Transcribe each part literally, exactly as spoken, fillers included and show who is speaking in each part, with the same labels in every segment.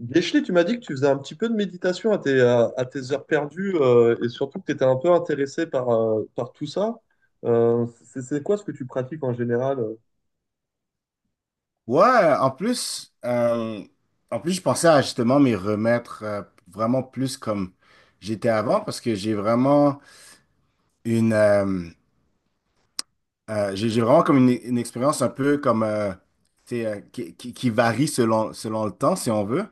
Speaker 1: Guéchelé, tu m'as dit que tu faisais un petit peu de méditation à tes, à, à tes heures perdues euh, et surtout que tu étais un peu intéressé par, euh, par tout ça. Euh, c'est c'est quoi ce que tu pratiques en général? euh
Speaker 2: Ouais, en plus, euh, en plus, je pensais à justement m'y remettre, euh, vraiment plus comme j'étais avant, parce que j'ai vraiment une, euh, euh, j'ai j'ai vraiment comme une, une expérience un peu comme euh, tu sais, euh, qui, qui, qui varie selon, selon le temps, si on veut.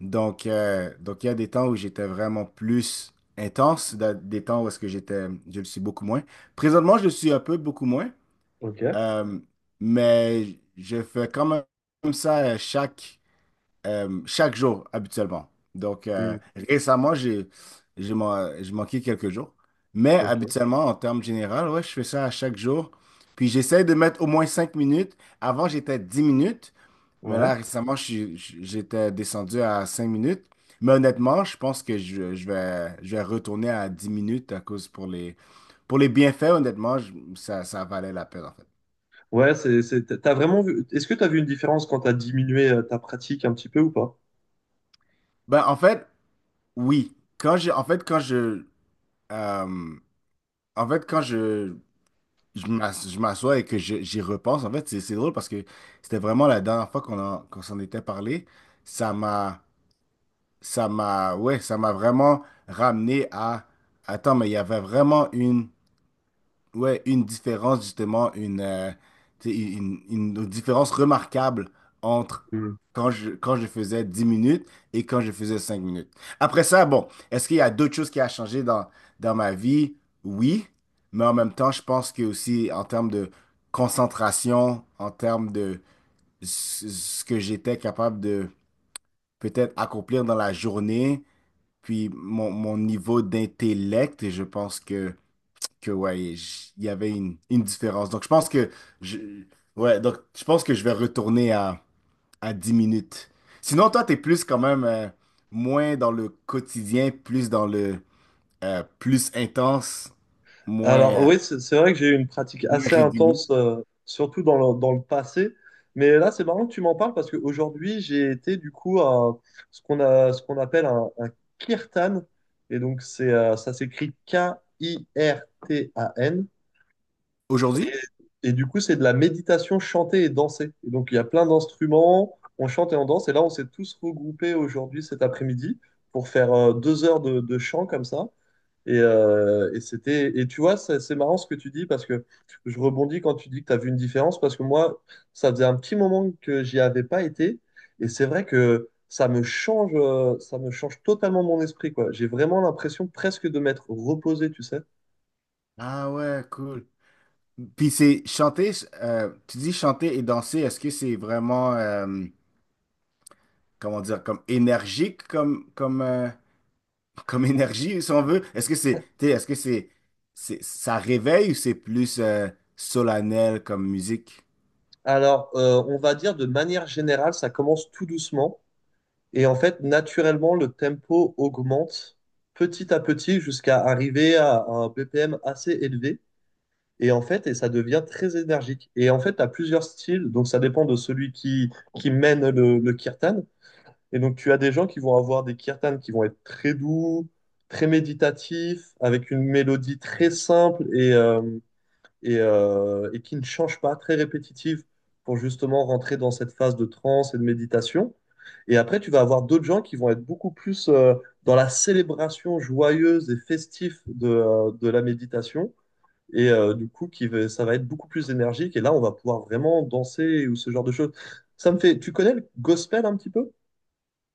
Speaker 2: Donc, euh, donc il y a des temps où j'étais vraiment plus intense, da- des temps où est-ce que j'étais, je le suis beaucoup moins. Présentement, je le suis un peu beaucoup moins,
Speaker 1: Ok.
Speaker 2: euh, mais je fais quand même ça, euh, chaque euh, chaque jour habituellement. Donc euh,
Speaker 1: Hmm,
Speaker 2: récemment, j'ai j'ai man- j'ai manqué quelques jours. Mais
Speaker 1: ok.
Speaker 2: habituellement, en termes généraux, ouais, je fais ça à chaque jour. Puis j'essaie de mettre au moins cinq minutes. Avant, j'étais à dix minutes. Mais
Speaker 1: Ouais.
Speaker 2: là, récemment, je suis- je- j'étais descendu à cinq minutes. Mais honnêtement, je pense que je, je vais, je vais retourner à dix minutes, à cause pour les, pour les bienfaits. Honnêtement, je- ça, ça valait la peine en fait.
Speaker 1: Ouais, c'est, c'est, t'as vraiment vu. Est-ce que tu as vu une différence quand tu as diminué euh, ta pratique un petit peu ou pas?
Speaker 2: Ben, en fait, oui. Quand j'ai, en fait, quand je, euh, En fait, quand je, je m'as- je m'assois et que je- j'y repense, en fait, c'est c'est drôle parce que c'était vraiment la dernière fois qu'on en- qu'on s'en était parlé. Ça m'a, ça m'a, ouais, ça m'a vraiment ramené à... Attends, mais il y avait vraiment une, ouais, une différence, justement, une, euh, tu sais, une, une- une différence remarquable entre quand je, quand je faisais dix minutes et quand je faisais cinq minutes. Après ça, bon, est-ce qu'il y a d'autres choses qui a changé dans, dans ma vie? Oui, mais en même temps, je pense que aussi en termes de concentration, en termes de ce ce que j'étais capable de peut-être accomplir dans la journée, puis mon, mon niveau d'intellect, je pense que que ouais, j- il y avait une, une différence. Donc je pense que je ouais, donc je pense que je vais retourner à à dix minutes. Sinon, toi, t'es plus quand même, euh, moins dans le quotidien, plus dans le, euh, plus intense, moins
Speaker 1: Alors
Speaker 2: euh,
Speaker 1: oui, c'est c'est vrai que j'ai eu une pratique
Speaker 2: moins
Speaker 1: assez
Speaker 2: régulier.
Speaker 1: intense, euh, surtout dans le, dans le passé. Mais là, c'est marrant que tu m'en parles parce qu'aujourd'hui, j'ai été du coup à ce qu'on a, ce qu'on appelle un, un kirtan. Et donc, c'est, euh, ça s'écrit K I R T A N.
Speaker 2: Aujourd'hui?
Speaker 1: Et du coup, c'est de la méditation chantée et dansée. Et donc, il y a plein d'instruments, on chante et on danse. Et là, on s'est tous regroupés aujourd'hui, cet après-midi, pour faire euh, deux heures de, de chant comme ça. Et, euh, et c'était, et tu vois, c'est c'est marrant ce que tu dis parce que je rebondis quand tu dis que tu as vu une différence parce que moi, ça faisait un petit moment que j'y avais pas été et c'est vrai que ça me change, euh, ça me change totalement mon esprit, quoi. J'ai vraiment l'impression presque de m'être reposé, tu sais.
Speaker 2: Ah ouais, cool. Puis c'est chanter... euh, tu dis chanter et danser, est-ce que c'est vraiment, euh, comment dire, comme énergique comme, comme, euh, comme énergie, si on veut? Est-ce que c'est, t'sais, est-ce que c'est, c'est, ça réveille, ou c'est plus euh, solennel comme musique?
Speaker 1: Alors, euh, on va dire de manière générale, ça commence tout doucement et en fait, naturellement, le tempo augmente petit à petit jusqu'à arriver à un B P M assez élevé. Et en fait, et ça devient très énergique. Et en fait, tu as plusieurs styles, donc ça dépend de celui qui, qui mène le, le kirtan. Et donc, tu as des gens qui vont avoir des kirtans qui vont être très doux, très méditatifs, avec une mélodie très simple et, euh, et, euh, et qui ne change pas, très répétitive, pour justement rentrer dans cette phase de transe et de méditation. Et après, tu vas avoir d'autres gens qui vont être beaucoup plus euh, dans la célébration joyeuse et festive de, euh, de la méditation. Et euh, du coup, qui va- ça va être beaucoup plus énergique. Et là, on va pouvoir vraiment danser ou ce genre de choses. Ça me fait. Tu connais le gospel un petit peu?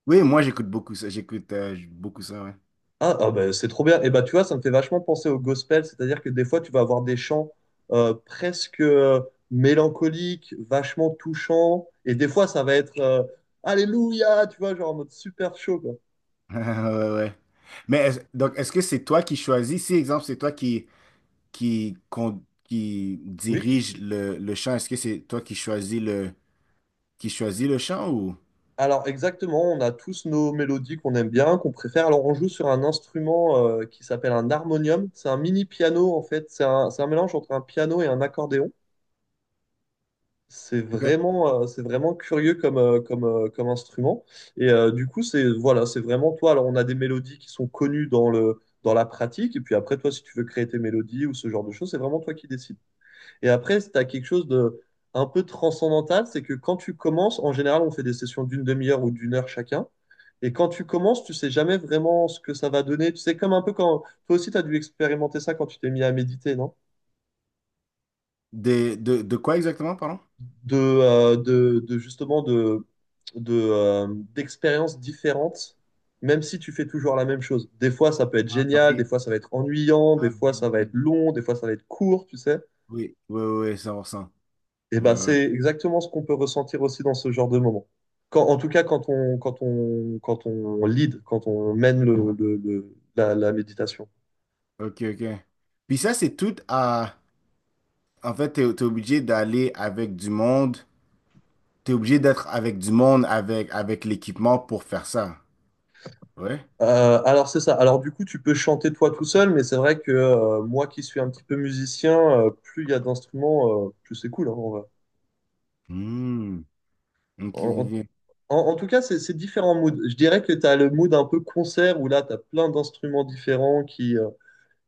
Speaker 2: Oui, moi j'écoute beaucoup ça, j'écoute euh, beaucoup ça, ouais.
Speaker 1: Ah, ah bah, c'est trop bien. Et bah, tu vois, ça me fait vachement penser au gospel. C'est-à-dire que des fois, tu vas avoir des chants euh, presque euh, mélancoliques, vachement touchants. Et des fois, ça va être euh, Alléluia, tu vois, genre en mode super chaud, quoi.
Speaker 2: Ouais, ouais. Mais est-ce- donc, est-ce que c'est toi qui choisis? Si, exemple, c'est toi qui, qui, con- qui
Speaker 1: Oui.
Speaker 2: dirige le, le chant, est-ce que c'est toi qui choisis le, qui choisis le chant, ou?
Speaker 1: Alors exactement, on a tous nos mélodies qu'on aime bien, qu'on préfère. Alors on joue sur un instrument euh, qui s'appelle un harmonium. C'est un mini piano en fait. C'est un, c'est un mélange entre un piano et un accordéon. C'est
Speaker 2: OK.
Speaker 1: vraiment, euh, c'est vraiment curieux comme, euh, comme, euh, comme instrument. Et euh, du coup, c'est voilà, c'est vraiment toi. Alors on a des mélodies qui sont connues dans le, dans la pratique. Et puis après, toi, si tu veux créer tes mélodies ou ce genre de choses, c'est vraiment toi qui décides. Et après, tu as quelque chose de un peu transcendantal, c'est que quand tu commences, en général, on fait des sessions d'une demi-heure ou d'une heure chacun. Et quand tu commences, tu sais jamais vraiment ce que ça va donner. Tu sais, comme un peu quand toi aussi, tu as dû expérimenter ça quand tu t'es mis à méditer, non?
Speaker 2: De, de, de quoi exactement, pardon?
Speaker 1: De, euh, de, de justement de, de, euh, d'expériences différentes, même si tu fais toujours la même chose. Des fois, ça peut être
Speaker 2: Ah
Speaker 1: génial, des
Speaker 2: oui,
Speaker 1: fois, ça va être ennuyant, des
Speaker 2: ah,
Speaker 1: fois,
Speaker 2: oui,
Speaker 1: ça
Speaker 2: oui,
Speaker 1: va être
Speaker 2: oui,
Speaker 1: long, des fois, ça va être court, tu sais.
Speaker 2: oui, oui, oui, cent pour cent.
Speaker 1: Et
Speaker 2: Ouais,
Speaker 1: ben,
Speaker 2: ouais.
Speaker 1: c'est exactement ce qu'on peut ressentir aussi dans ce genre de moment. Quand, en tout cas, quand on, quand on, quand on lead, quand on mène le, le- le- la, la méditation.
Speaker 2: Ok, ok. Puis ça, c'est tout à... En fait, t'es, t'es obligé d'aller avec du monde. T'es obligé d'être avec du monde, avec, avec l'équipement pour faire ça. Ouais?
Speaker 1: Euh, alors, c'est ça. Alors, du coup, tu peux chanter toi tout seul, mais c'est vrai que euh, moi qui suis un petit peu musicien, euh, plus il y a d'instruments, euh, plus c'est cool, hein, en vrai.
Speaker 2: Hmm. Ok,
Speaker 1: En,
Speaker 2: ok.
Speaker 1: en- en tout cas, c'est c'est différents moods. Je dirais que tu as le mood un peu concert où là, tu as plein d'instruments différents qui, euh,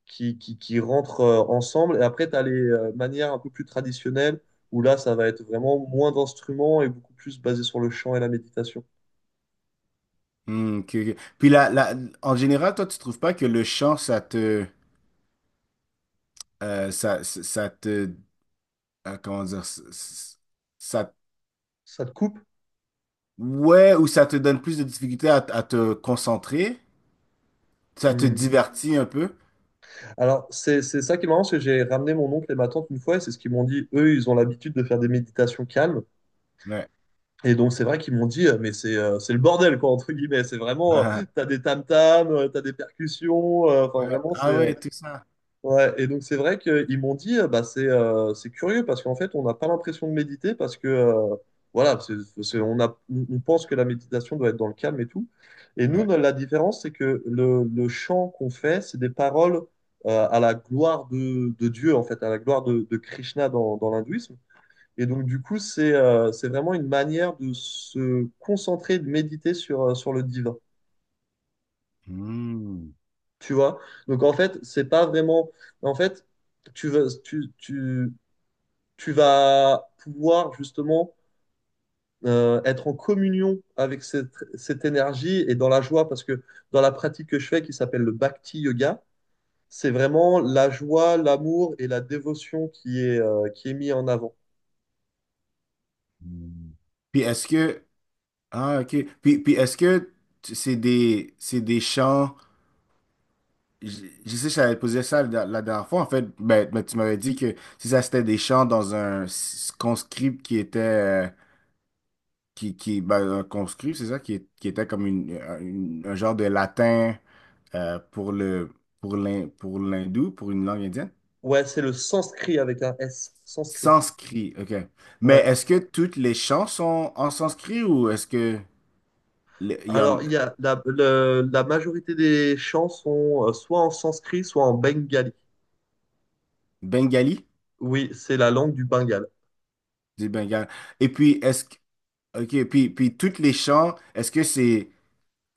Speaker 1: qui, qui, qui rentrent euh, ensemble. Et après, tu as les euh, manières un peu plus traditionnelles, où là, ça va être vraiment moins d'instruments et beaucoup plus basé sur le chant et la méditation.
Speaker 2: Hmm, ok, ok. Puis là, là, en général, toi, tu trouves pas que le chant, ça te... euh, ça, ça ça te... euh, comment dire? Ça, ça-
Speaker 1: Ça te coupe?
Speaker 2: ouais, ou ça te donne plus de difficulté à, à te concentrer? Ça te
Speaker 1: Hmm.
Speaker 2: divertit un peu?
Speaker 1: Alors, c'est, c'est ça qui est marrant, c'est que j'ai ramené mon oncle et ma tante une fois, et c'est ce qu'ils m'ont dit. Eux, ils ont l'habitude de faire des méditations calmes.
Speaker 2: Ouais.
Speaker 1: Et donc, c'est vrai qu'ils m'ont dit, euh, mais c'est euh, c'est le bordel, quoi, entre guillemets. C'est vraiment, euh, t'as des tam-tams, euh, t'as des percussions, euh, enfin,
Speaker 2: Ouais.
Speaker 1: vraiment. c'est...
Speaker 2: Ah
Speaker 1: euh,
Speaker 2: ouais, tout ça.
Speaker 1: Ouais, et donc c'est vrai qu'ils m'ont dit, euh, bah, c'est euh, c'est curieux parce qu'en fait, on n'a pas l'impression de méditer parce que, euh, voilà, c'est, c'est- on a, on on pense que la méditation doit être dans le calme et tout. Et nous,
Speaker 2: Ouais.
Speaker 1: no- la différence, c'est que le, le chant qu'on fait, c'est des paroles euh, à la gloire de, de Dieu, en fait, à la gloire de, de Krishna dans, dans l'hindouisme. Et donc, du coup, c'est euh, c'est vraiment une manière de se concentrer, de méditer sur, euh, sur le divin,
Speaker 2: Hmm.
Speaker 1: tu vois? Donc, en fait, c'est pas vraiment. En fait, tu veux, tu, tu, tu vas pouvoir justement euh, être en communion avec cette, cette énergie et dans la joie, parce que dans la pratique que je fais, qui s'appelle le Bhakti Yoga, c'est vraiment la joie, l'amour et la dévotion qui est, euh, qui est mis en avant.
Speaker 2: Hmm. Puis est-ce que... ah ok, puis, puis est-ce que tu- c'est des c'est des chants... je, je sais que j'avais posé ça la, la dernière fois en fait. Ben, ben, tu m'avais dit que si ça c'était des chants dans un s- conscript qui était, euh, qui qui ben, un conscript, c'est ça qui, est- qui était comme une, un une- un genre de latin, euh, pour le... pour l'hin- pour l'hindou, pour une langue indienne.
Speaker 1: Ouais, c'est le sanskrit avec un S, sanskrit.
Speaker 2: Sanskrit, ok. Mais
Speaker 1: Ouais.
Speaker 2: est-ce que toutes les chants sont en sanskrit, ou est-ce que le- il y en...
Speaker 1: Alors, il y a la, le- la majorité des chants sont euh, soit en sanskrit, soit en bengali.
Speaker 2: Bengali?
Speaker 1: Oui, c'est la langue du Bengale.
Speaker 2: Du Bengale. Et puis, est-ce que... OK, puis, puis toutes les chants, est-ce que c'est,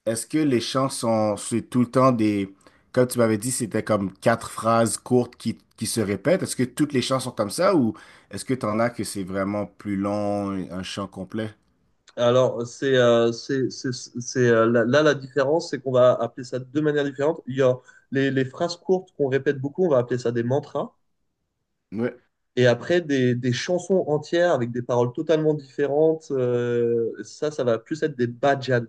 Speaker 2: est-ce que les chants sont, c'est tout le temps des, comme tu m'avais dit, c'était comme quatre phrases courtes qui, qui se répètent. Est-ce que toutes les chants sont comme ça, ou est-ce que t'en as que c'est vraiment plus long, un chant complet?
Speaker 1: Alors, c'est euh, c'est c'est c'est, euh, là, là, la différence, c'est qu'on va appeler ça de deux manières différentes. Il y a les, les phrases courtes qu'on répète beaucoup, on va appeler ça des mantras.
Speaker 2: Ouais.
Speaker 1: Et après, des, des chansons entières avec des paroles totalement différentes, euh, ça, ça va plus être des bhajans.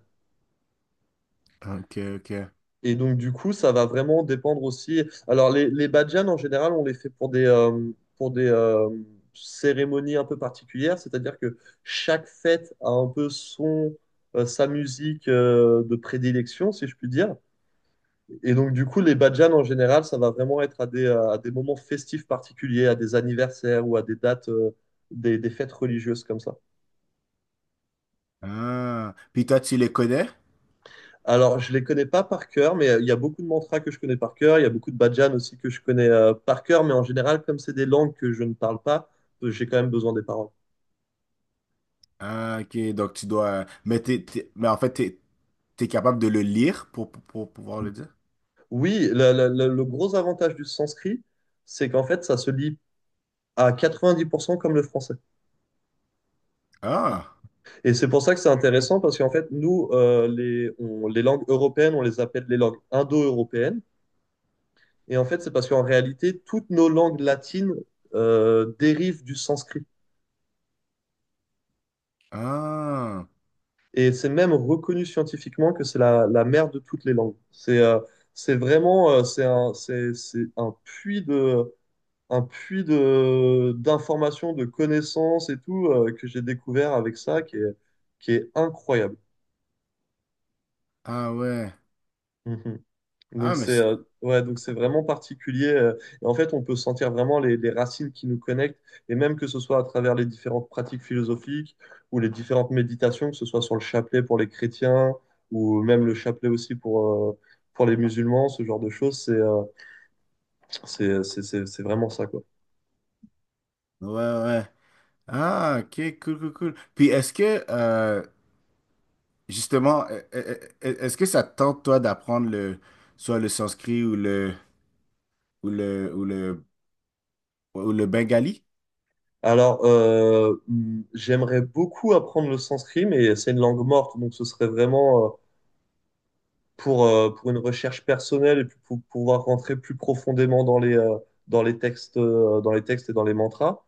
Speaker 2: OK, OK.
Speaker 1: Et donc, du coup, ça va vraiment dépendre aussi. Alors, les, les badjans, en général, on les fait pour des, euh, pour des euh, cérémonies un peu particulières, c'est-à-dire que chaque fête a un peu son, euh, sa musique euh, de prédilection, si je puis dire. Et donc, du coup, les badjans, en général, ça va vraiment être à des, à des moments festifs particuliers, à des anniversaires ou à des dates, euh, des, des fêtes religieuses comme ça.
Speaker 2: Ah. Puis toi, tu les connais?
Speaker 1: Alors, je les connais pas par cœur, mais euh, il y a beaucoup de mantras que je connais par cœur. Il y a beaucoup de bhajans aussi que je connais euh, par cœur, mais en général, comme c'est des langues que je ne parle pas, euh, j'ai quand même besoin des paroles.
Speaker 2: Ah, OK. Donc, tu dois, mais t'es, t'es- mais en fait, t'es t'es capable de le lire pour, pour, pour pouvoir le dire?
Speaker 1: Oui, la- la- la- le gros avantage du sanskrit, c'est qu'en fait, ça se lit à quatre-vingt-dix pour cent comme le français.
Speaker 2: Ah.
Speaker 1: Et c'est pour ça que c'est intéressant, parce qu'en fait, nous, euh, les, on- les langues européennes, on les appelle les langues indo-européennes. Et en fait, c'est parce qu'en réalité, toutes nos langues latines euh, dérivent du sanskrit.
Speaker 2: Ah.
Speaker 1: Et c'est même reconnu scientifiquement que c'est la, la mère de toutes les langues. C'est euh, c'est vraiment euh, c'est un, c'est, c'est un puits de, un puits de, d'informations, de connaissances et tout euh, que j'ai découvert avec ça qui est, qui est incroyable.
Speaker 2: Ah ouais.
Speaker 1: Mhm.
Speaker 2: Ah,
Speaker 1: Donc
Speaker 2: mais
Speaker 1: c'est
Speaker 2: c'est-
Speaker 1: euh, ouais, donc c'est vraiment particulier. Euh, et en fait, on peut sentir vraiment les, les racines qui nous connectent, et même que ce soit à travers les différentes pratiques philosophiques ou les différentes méditations, que ce soit sur le chapelet pour les chrétiens ou même le chapelet aussi pour, euh, pour les musulmans, ce genre de choses, c'est euh, c'est, c'est, c'est, c'est vraiment ça, quoi.
Speaker 2: ouais, ouais. Ah, ok, cool, cool, cool. Puis est-ce que, euh, justement, e- e- e- e, est-ce que ça te tente, toi, d'apprendre le, soit le sanskrit ou le, ou le, ou le, ou le bengali?
Speaker 1: Alors, euh, hmm, j'aimerais beaucoup apprendre le sanskrit, mais c'est une langue morte, donc ce serait vraiment euh, pour, euh, pour une recherche personnelle et puis pour pouvoir rentrer plus profondément dans les, euh, dans les textes, euh, dans les textes et dans les mantras.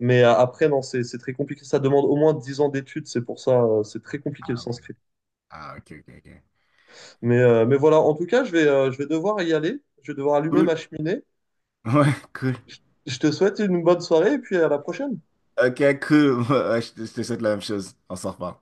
Speaker 1: Mais euh, après, non, c'est c'est très compliqué. Ça demande au moins dix ans d'études. C'est pour ça, euh, c'est très compliqué le sanskrit.
Speaker 2: Ah, ok, ok, ok.
Speaker 1: Mais, euh, mais voilà, en tout cas, je vais, euh, je vais devoir y aller. Je vais devoir allumer ma
Speaker 2: Cool.
Speaker 1: cheminée.
Speaker 2: Ouais, cool.
Speaker 1: Je te souhaite une bonne soirée et puis à la prochaine.
Speaker 2: Ok, cool. Ouais, ouais, je te je te souhaite la même chose. On s'en reparle.